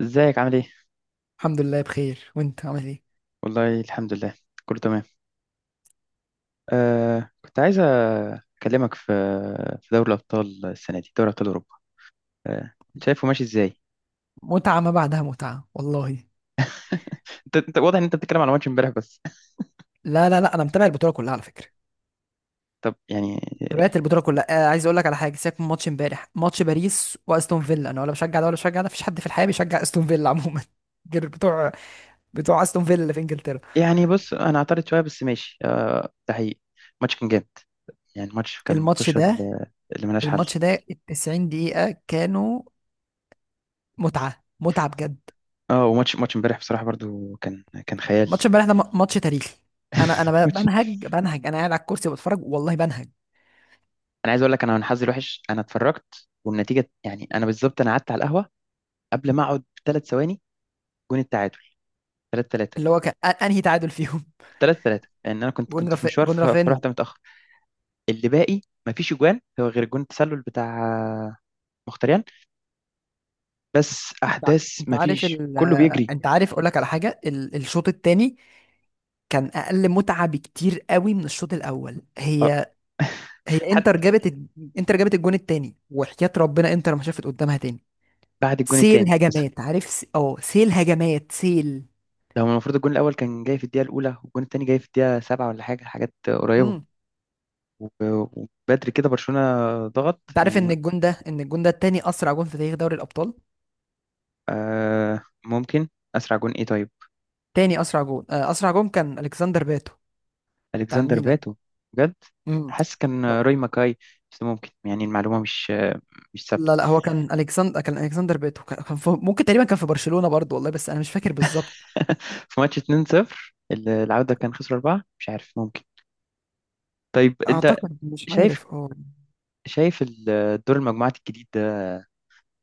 ازيك عامل ايه؟ الحمد لله بخير، وانت عامل ايه؟ والله، الحمد لله، كله تمام. كنت عايز اكلمك في دوري الابطال السنه دي، دوري ابطال اوروبا. آه شايفه ماشي ازاي؟ متعه ما بعدها متعه والله. انت واضح ان انت بتتكلم على ماتش امبارح بس. لا لا لا، انا متابع البطوله كلها على فكره. طب، يعني تابعت البطوله كلها. عايز اقول لك على حاجه، سيبك من ماتش امبارح، ماتش باريس واستون فيلا، انا ولا بشجع ده ولا بشجع ده. مفيش حد في الحياه بيشجع استون فيلا عموما غير بتوع استون فيلا اللي في انجلترا. يعني بص، انا اعترض شويه بس ماشي، آه، ده حقيقي. الماتش كان جامد، يعني الماتش كان الماتش متوشه ده اللي ملهاش حل. الماتش ده ال 90 دقيقه كانوا متعه متعه بجد. اه، وماتش امبارح بصراحه برضو كان خيال. ماتش امبارح ده ماتش تاريخي. انا انا ب- ماتش. بنهج بنهج انا قاعد على الكرسي بتفرج والله بنهج. انا عايز اقول لك، انا من حظي الوحش انا اتفرجت والنتيجه، يعني انا بالظبط انا قعدت على القهوه قبل ما اقعد ب 3 ثواني جون التعادل، 3-3. اللي هو كان انهي تعادل فيهم؟ 3-3. لان انا كنت كنت في مشوار، جون رافينيا. فرحت متاخر. اللي باقي ما فيش اجوان هو غير جون التسلل بتاع مختريان، بس انت احداث انت ما عارف، فيش، كله بيجري. اقول لك على حاجه. الشوط الثاني كان اقل متعه بكتير قوي من الشوط الاول. اه. هي حتى انتر جابت الجون الثاني، وحياة ربنا انتر ما شافت قدامها تاني. بعد الجون سيل التاني بس. هجمات، عارف، س... اه سيل هجمات سيل لو المفروض الجون الاول كان جاي في الدقيقه الاولى والجون التاني جاي في الدقيقه 7، ولا حاجه، حاجات قريبه. امم و- وبدري كده برشلونه ضغط انت عارف يعني. ان الجون ده، تاني اسرع جون في تاريخ دوري الابطال. آه، ممكن. اسرع جون ايه طيب؟ تاني اسرع جون، اسرع جون كان الكسندر باتو بتاع الكسندر الميلان. باتو؟ بجد؟ امم حاسس كان روي ماكاي، بس ممكن يعني المعلومه مش ثابته. لا لا، هو كان الكسندر، بيتو. ممكن تقريبا كان في برشلونة برضو والله، بس انا مش فاكر بالظبط. في ماتش 2-0، العودة كان خسروا 4، مش عارف، ممكن. طيب أنت اعتقد مش شايف؟ عارف. اه شايف دور المجموعات الجديد ده؟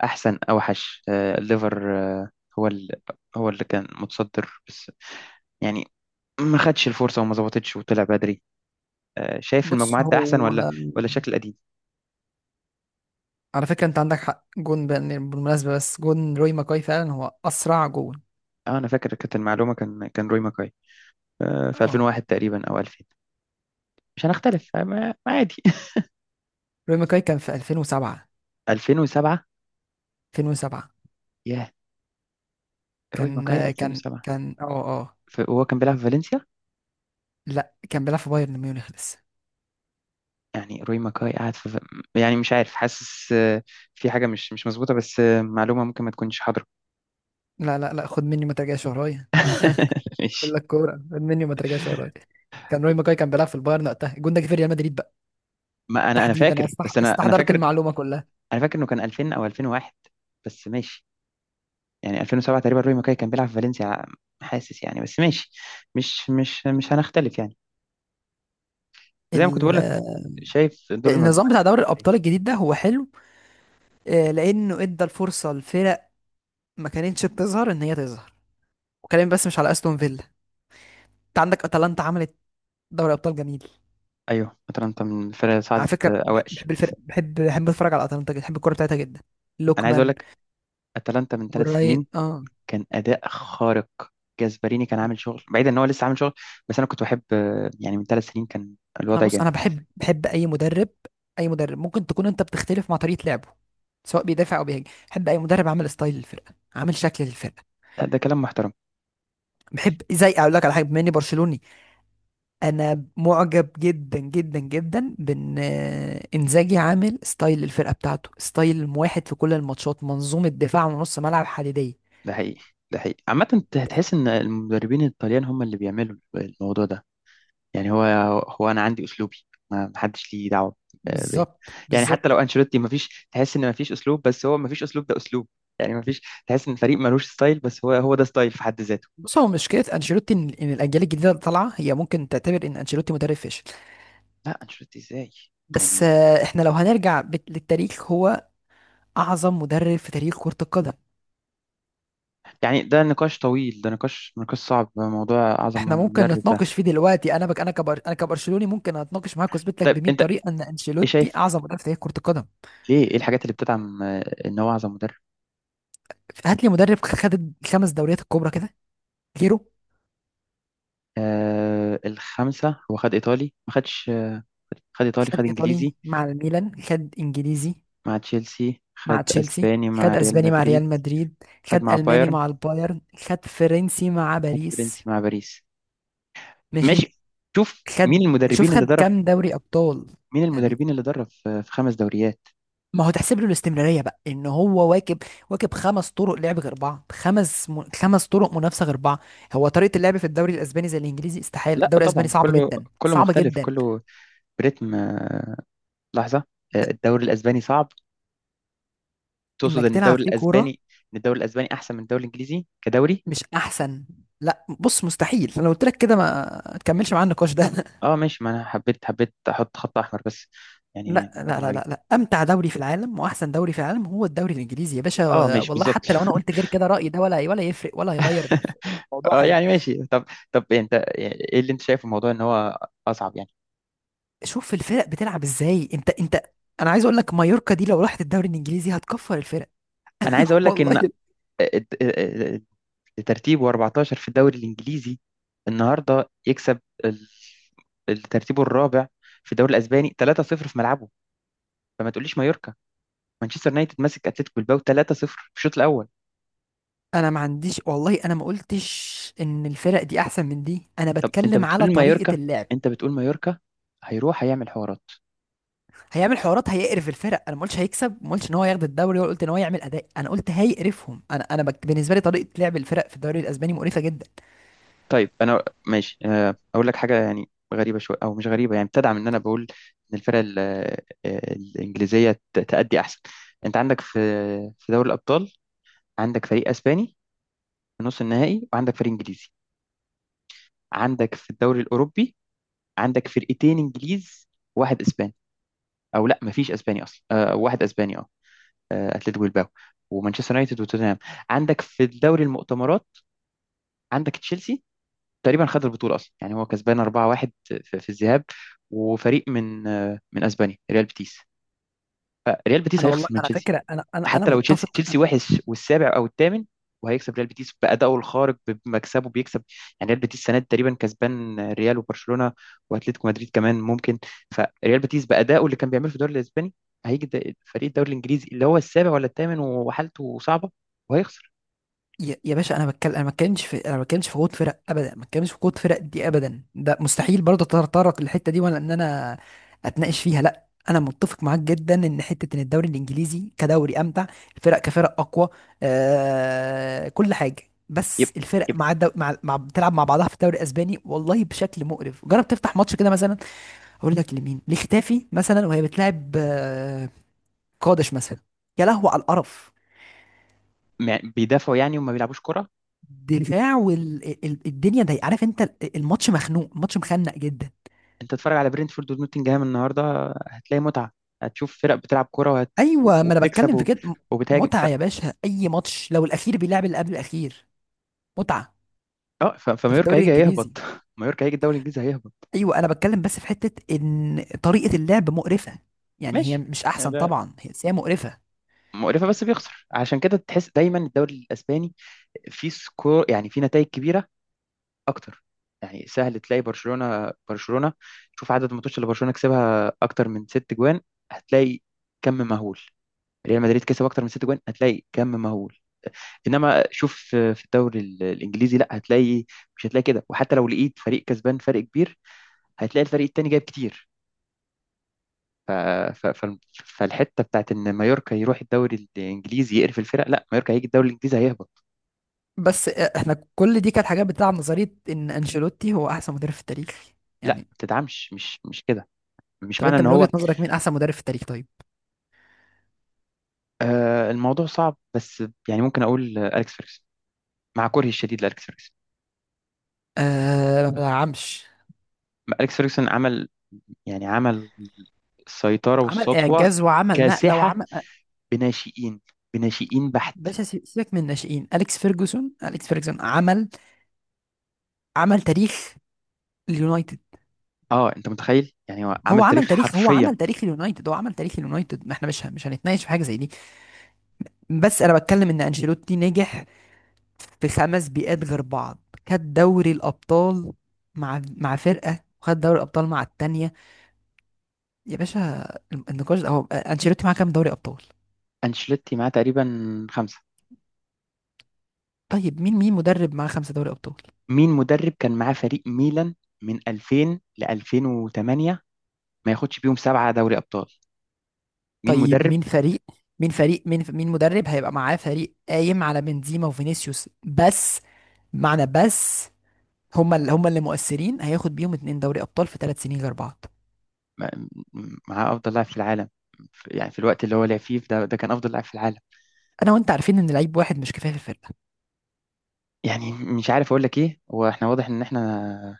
أحسن أوحش؟ آه، الليفر، آه، هو ال- هو اللي كان متصدر بس، يعني ما خدش الفرصة وما ظبطتش وطلع بدري. آه، شايف بص، المجموعات ده أحسن هو ولا شكل القديم؟ على فكرة انت عندك حق جون بالمناسبة، بس جون روي ماكاي فعلا هو اسرع جون. أه أنا فاكر كانت المعلومة، كان روي ماكاي، آه، في اه 2001 تقريبا أو 2000. مش هنختلف، آه، ما عادي. روي ماكاي كان في 2007. 2007. 2007، ياه. روي كان ماكاي كان 2007. كان وهو كان بيلعب في فالنسيا، لا، كان بيلعب في بايرن ميونخ لسه. يعني روي ماكاي قاعد في، يعني مش عارف، حاسس آه، في حاجة مش مظبوطة، بس آه، معلومة ممكن ما تكونش حاضرة. لا لا لا، خد مني ما ترجعش ورايا، ماشي. الا الكورة، خد مني ما ترجعش ورايا. كان روي ماكاي كان بيلعب في البايرن وقتها، الجون ده جه في ريال مدريد ما انا تحديدا. انا فاكر، بس انا استحضرت فاكر، المعلومه كلها. انا فاكر انه كان 2000 او 2001، بس ماشي. يعني 2007 تقريبا روي ماكاي كان بيلعب في فالنسيا، حاسس يعني، بس ماشي. مش هنختلف يعني. زي ما كنت ال- بقول لك، شايف دور النظام بتاع المجموعة. دوري الابطال الجديد ده هو حلو، لانه ادى الفرصه لفرق ما كانتش بتظهر ان هي تظهر. وكلامي بس مش على استون فيلا، انت عندك اتلانتا، عملت دوري ابطال جميل. ايوه، اتلانتا من الفرق اللي على صعدت، فكره آه، اوائل. بحب الفرق، بحب اتفرج على اتلانتا جدا، بحب الكوره بتاعتها جدا. انا عايز اقول لوكمان لك، اتلانتا من ثلاث وراين. سنين اه كان اداء خارق، جاسبريني كان عامل شغل بعيد، ان هو لسه عامل شغل، بس انا كنت بحب آه، يعني من 3 سنين كان انا، الوضع بص، جامد. انا بحب، اي مدرب. اي مدرب ممكن تكون انت بتختلف مع طريقه لعبه، سواء بيدافع او بيهاجم، بحب اي مدرب عامل ستايل للفرقه، عامل شكل للفرقه. ده كلام محترم. بحب، زي اقول لك على حاجه، بما اني برشلوني، انا معجب جدا جدا جدا بان انزاجي عامل ستايل الفرقه بتاعته، ستايل واحد في كل الماتشات، منظومه دفاع ونص ملعب حديديه. ده حقيقي، ده حقيقي. عامة انت هتحس ان المدربين الطليان هم اللي بيعملوا الموضوع ده، يعني هو، هو انا عندي اسلوبي، ما حدش ليه دعوة آه، بيه. بالظبط يعني حتى بالظبط. لو انشيلوتي، ما فيش تحس ان ما فيش اسلوب، بس هو ما فيش اسلوب ده اسلوب. يعني ما فيش تحس ان الفريق ملوش ستايل، بس هو ده ستايل في حد ذاته. بص هو مشكلة أنشيلوتي إن الأجيال الجديدة اللي طالعة هي ممكن تعتبر إن أنشيلوتي مدرب فاشل. لا، انشيلوتي ازاي. بس يعني إحنا لو هنرجع للتاريخ، هو أعظم مدرب في تاريخ كرة القدم. يعني ده نقاش طويل، ده نقاش، نقاش صعب، موضوع أعظم احنا ممكن مدرب ده. نتناقش فيه دلوقتي، انا بك انا كبر انا كبرشلوني ممكن اتناقش معاك واثبت لك طيب ب 100 أنت، طريقه ان إيه انشيلوتي شايف، اعظم مدرب في تاريخ كره القدم. ليه، إيه الحاجات اللي بتدعم آه، إن هو أعظم مدرب؟ هات لي مدرب خد الخمس دوريات الكبرى كده. كيرو، آه الخمسة، هو خد إيطالي، ما خدش آه، خد إيطالي، خد خد ايطالي إنجليزي مع الميلان، خد انجليزي مع تشيلسي، خد مع تشيلسي، أسباني مع خد ريال اسباني مع مدريد، ريال مدريد، خد خد مع الماني بايرن، مع البايرن، خد فرنسي مع خد باريس. فرنسي مع باريس. ماشي. ماشي. شوف مين خد شوف، المدربين اللي خد درب، كام دوري ابطال؟ مين يعني المدربين اللي درب في 5 دوريات. ما هو تحسب له الاستمراريه بقى، ان هو واكب، واكب 5 طرق لعب غير بعض، خمس 5 طرق منافسه غير بعض. هو طريقه اللعب في الدوري الاسباني زي الانجليزي، استحاله. لا الدوري الاسباني طبعا، صعب كله، جدا، كله صعب مختلف، جدا. كله بريتم آه، لحظة. د... آه، الدوري الأسباني صعب. تقصد انك ان تلعب الدوري فيه الاسباني، كوره ان الدوري الاسباني احسن من الدوري الانجليزي كدوري؟ مش احسن. لا بص، مستحيل. انا لو قلت لك كده ما تكملش معاه النقاش ده. اه ماشي، ما انا حبيت احط خط احمر بس، يعني لا الموضوع لا كان لا لا غريب. لا، امتع دوري في العالم واحسن دوري في العالم هو الدوري الانجليزي يا باشا. اه، ماشي، والله بالظبط. حتى لو انا قلت غير كده، رايي ده ولا ولا يفرق ولا هيغير في الموضوع اه حاجه. يعني ماشي، طب. طب إيه انت، ايه اللي انت شايفه الموضوع ان هو اصعب يعني؟ شوف الفرق بتلعب ازاي. انت انا عايز اقول لك، مايوركا دي لو راحت الدوري الانجليزي هتكفر الفرق. انا عايز اقول لك والله. ان ترتيبه 14 في الدوري الانجليزي، النهارده يكسب الترتيب الرابع في الدوري الاسباني 3-0 في ملعبه، فما تقوليش مايوركا. مانشستر يونايتد ماسك اتلتيكو بالباو 3-0 في الشوط الاول. انا ما عنديش، والله انا ما قلتش ان الفرق دي احسن من دي، انا طب، بتكلم على طريقة اللعب. انت بتقول مايوركا هيروح هيعمل حوارات؟ هيعمل حوارات، هيقرف الفرق. انا ما قلتش هيكسب، ما قلتش ان هو ياخد الدوري، ولا قلت ان هو يعمل اداء، انا قلت هيقرفهم. انا، انا بالنسبه لي طريقه لعب الفرق في الدوري الاسباني مقرفه جدا. طيب انا ماشي، آه، اقول لك حاجه يعني غريبه شويه او مش غريبه، يعني بتدعم ان انا بقول ان الفرق الانجليزيه تأدي احسن. انت عندك في دوري الابطال عندك فريق اسباني في نص النهائي وعندك فريق انجليزي. عندك في الدوري الاوروبي، عندك فرقتين انجليز، واحد اسباني، او لا، مفيش اسباني اصلا. آه، واحد اسباني، اه، آه، اتلتيكو بالباو ومانشستر يونايتد وتوتنهام. عندك في الدوري المؤتمرات عندك تشيلسي تقريبا خد البطولة أصلا، يعني هو كسبان 4-1 في الذهاب، وفريق من آه، من أسبانيا، ريال بيتيس. فريال بيتيس انا هيخسر والله من على تشيلسي. فكره، انا انا انا حتى لو تشيلسي، متفق. تشيلسي وحش والسابع أو الثامن وهيكسب ريال بيتيس بأدائه الخارق بمكسبه، بيكسب. يعني ريال بيتيس السنة دي تقريبا كسبان ريال وبرشلونة وأتلتيكو مدريد كمان ممكن. فريال بيتيس بأدائه اللي كان بيعمله في الدوري الأسباني، هيجي فريق الدوري الإنجليزي اللي هو السابع ولا الثامن وحالته صعبة، وهيخسر. يا يا باشا، انا بتكلم، انا ما بتكلمش في قوه فرق ابدا، ما بتكلمش في قوه فرق دي ابدا، ده مستحيل برضه اتطرق للحته دي ولا ان انا اتناقش فيها، لا. انا متفق معاك جدا ان حته ان الدوري الانجليزي كدوري امتع، الفرق كفرق اقوى، كل حاجه. بس يبقى، الفرق يبقى، مع, الدو... مع مع بتلعب مع بعضها في الدوري الاسباني والله بشكل مقرف، جرب تفتح ماتش كده مثلا. اقول لك لمين، لختافي مثلا وهي بتلعب، قادش مثلا، يا لهو على القرف. بيدافعوا يعني وما بيلعبوش كرة. الدفاع والدنيا ضيقه، عارف انت، الماتش مخنوق، الماتش مخنق جدا. انت تتفرج على برينتفورد ونوتنجهام النهارده، هتلاقي متعه، هتشوف فرق بتلعب كوره ايوه، ما انا وبتكسب بتكلم في كده. وبتهاجم متعه يا باشا، اي ماتش لو الاخير بيلعب اللي قبل الاخير متعه. اه ده في فمايوركا الدوري هيجي الانجليزي. هيهبط. مايوركا هيجي الدوري الانجليزي هيهبط. ايوه انا بتكلم، بس في حته ان طريقه اللعب مقرفه، يعني هي ماشي، مش يعني احسن ده طبعا هي، بس هي مقرفه. مقرفه بس بيخسر، عشان كده تحس دايما الدوري الاسباني فيه سكور، يعني فيه نتائج كبيره اكتر، يعني سهل تلاقي برشلونه، شوف عدد الماتشات اللي برشلونه كسبها اكتر من 6 جوان، هتلاقي كم مهول. ريال مدريد كسب اكتر من 6 جوان، هتلاقي كم مهول. انما شوف في الدوري الانجليزي، لا، هتلاقي، مش هتلاقي كده. وحتى لو لقيت فريق كسبان فرق كبير، هتلاقي الفريق التاني جايب كتير. ف... ف... ف... فالحته بتاعت ان مايوركا يروح الدوري الانجليزي يقرف الفرق، لا، مايوركا هيجي الدوري الانجليزي هيهبط. بس احنا كل دي كانت حاجات بتلعب نظريه ان انشيلوتي هو احسن مدرب في التاريخ. لا، يعني، ما تدعمش، مش كده، مش طب معنى انت ان من هو. وجهه نظرك مين احسن مدرب في التاريخ طيب؟ آه الموضوع صعب بس، يعني ممكن اقول آه، اليكس فيرجسون، مع كرهي الشديد لاليكس فيرجسون. آه، ما بلعبش. اليكس فيرجسون عمل، يعني عمل السيطره عمل والسطوه اعجاز وعمل نقله كاسحه وعمل بناشئين، بحت. باشا سيبك من الناشئين. اليكس فيرجسون عمل تاريخ اليونايتد. اه انت متخيل، يعني هو عمل تاريخ هو حرفيا. عمل تاريخ اليونايتد هو عمل تاريخ اليونايتد ما احنا مش هنتناقش في حاجه زي دي. بس انا بتكلم ان انشيلوتي نجح في 5 بيئات غير بعض. خد دوري الابطال مع فرقه، وخد دوري الابطال مع التانيه. يا باشا، النقاش ده، هو انشيلوتي معاه كام دوري ابطال؟ انشيلوتي معاه تقريبا خمسة. طيب، مين مدرب معاه 5 دوري ابطال؟ مين مدرب كان معاه فريق ميلان من 2000 ل 2008 ما ياخدش بيهم 7 دوري ابطال؟ مين طيب مدرب، مين فريق، مين مدرب هيبقى معاه فريق قايم على بنزيما وفينيسيوس بس؟ معنى بس هما اللي مؤثرين، هياخد بيهم 2 دوري ابطال في 3 سنين غير بعض. معاه افضل لاعب في العالم، يعني في الوقت اللي هو لعب فيه ده، ده كان افضل لاعب في العالم. انا وانت عارفين ان لعيب واحد مش كفايه في الفرقه. يعني مش عارف اقول لك ايه، هو احنا واضح ان احنا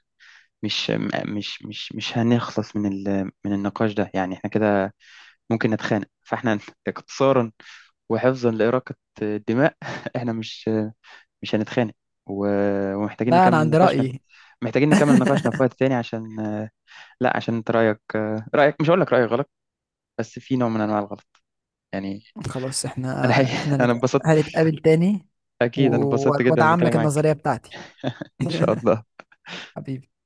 مش م- مش مش مش هنخلص من ال من النقاش ده، يعني احنا كده ممكن نتخانق فاحنا اختصارا وحفظا لإراقة الدماء. احنا مش هنتخانق، و- ومحتاجين لا، انا نكمل عندي نقاشنا في- رايي. محتاجين نكمل نقاشنا في وقت تاني عشان آه، لا عشان انت رأيك آه، رأيك مش هقول لك رأيك غلط، بس في نوع من انواع الغلط يعني. خلاص، انا احنا حقيقي احنا انا انبسطت. هنتقابل تاني، اكيد انا انبسطت جدا وادعم بالكلام لك معاك، النظريه بتاعتي. ان شاء الله. حبيبي.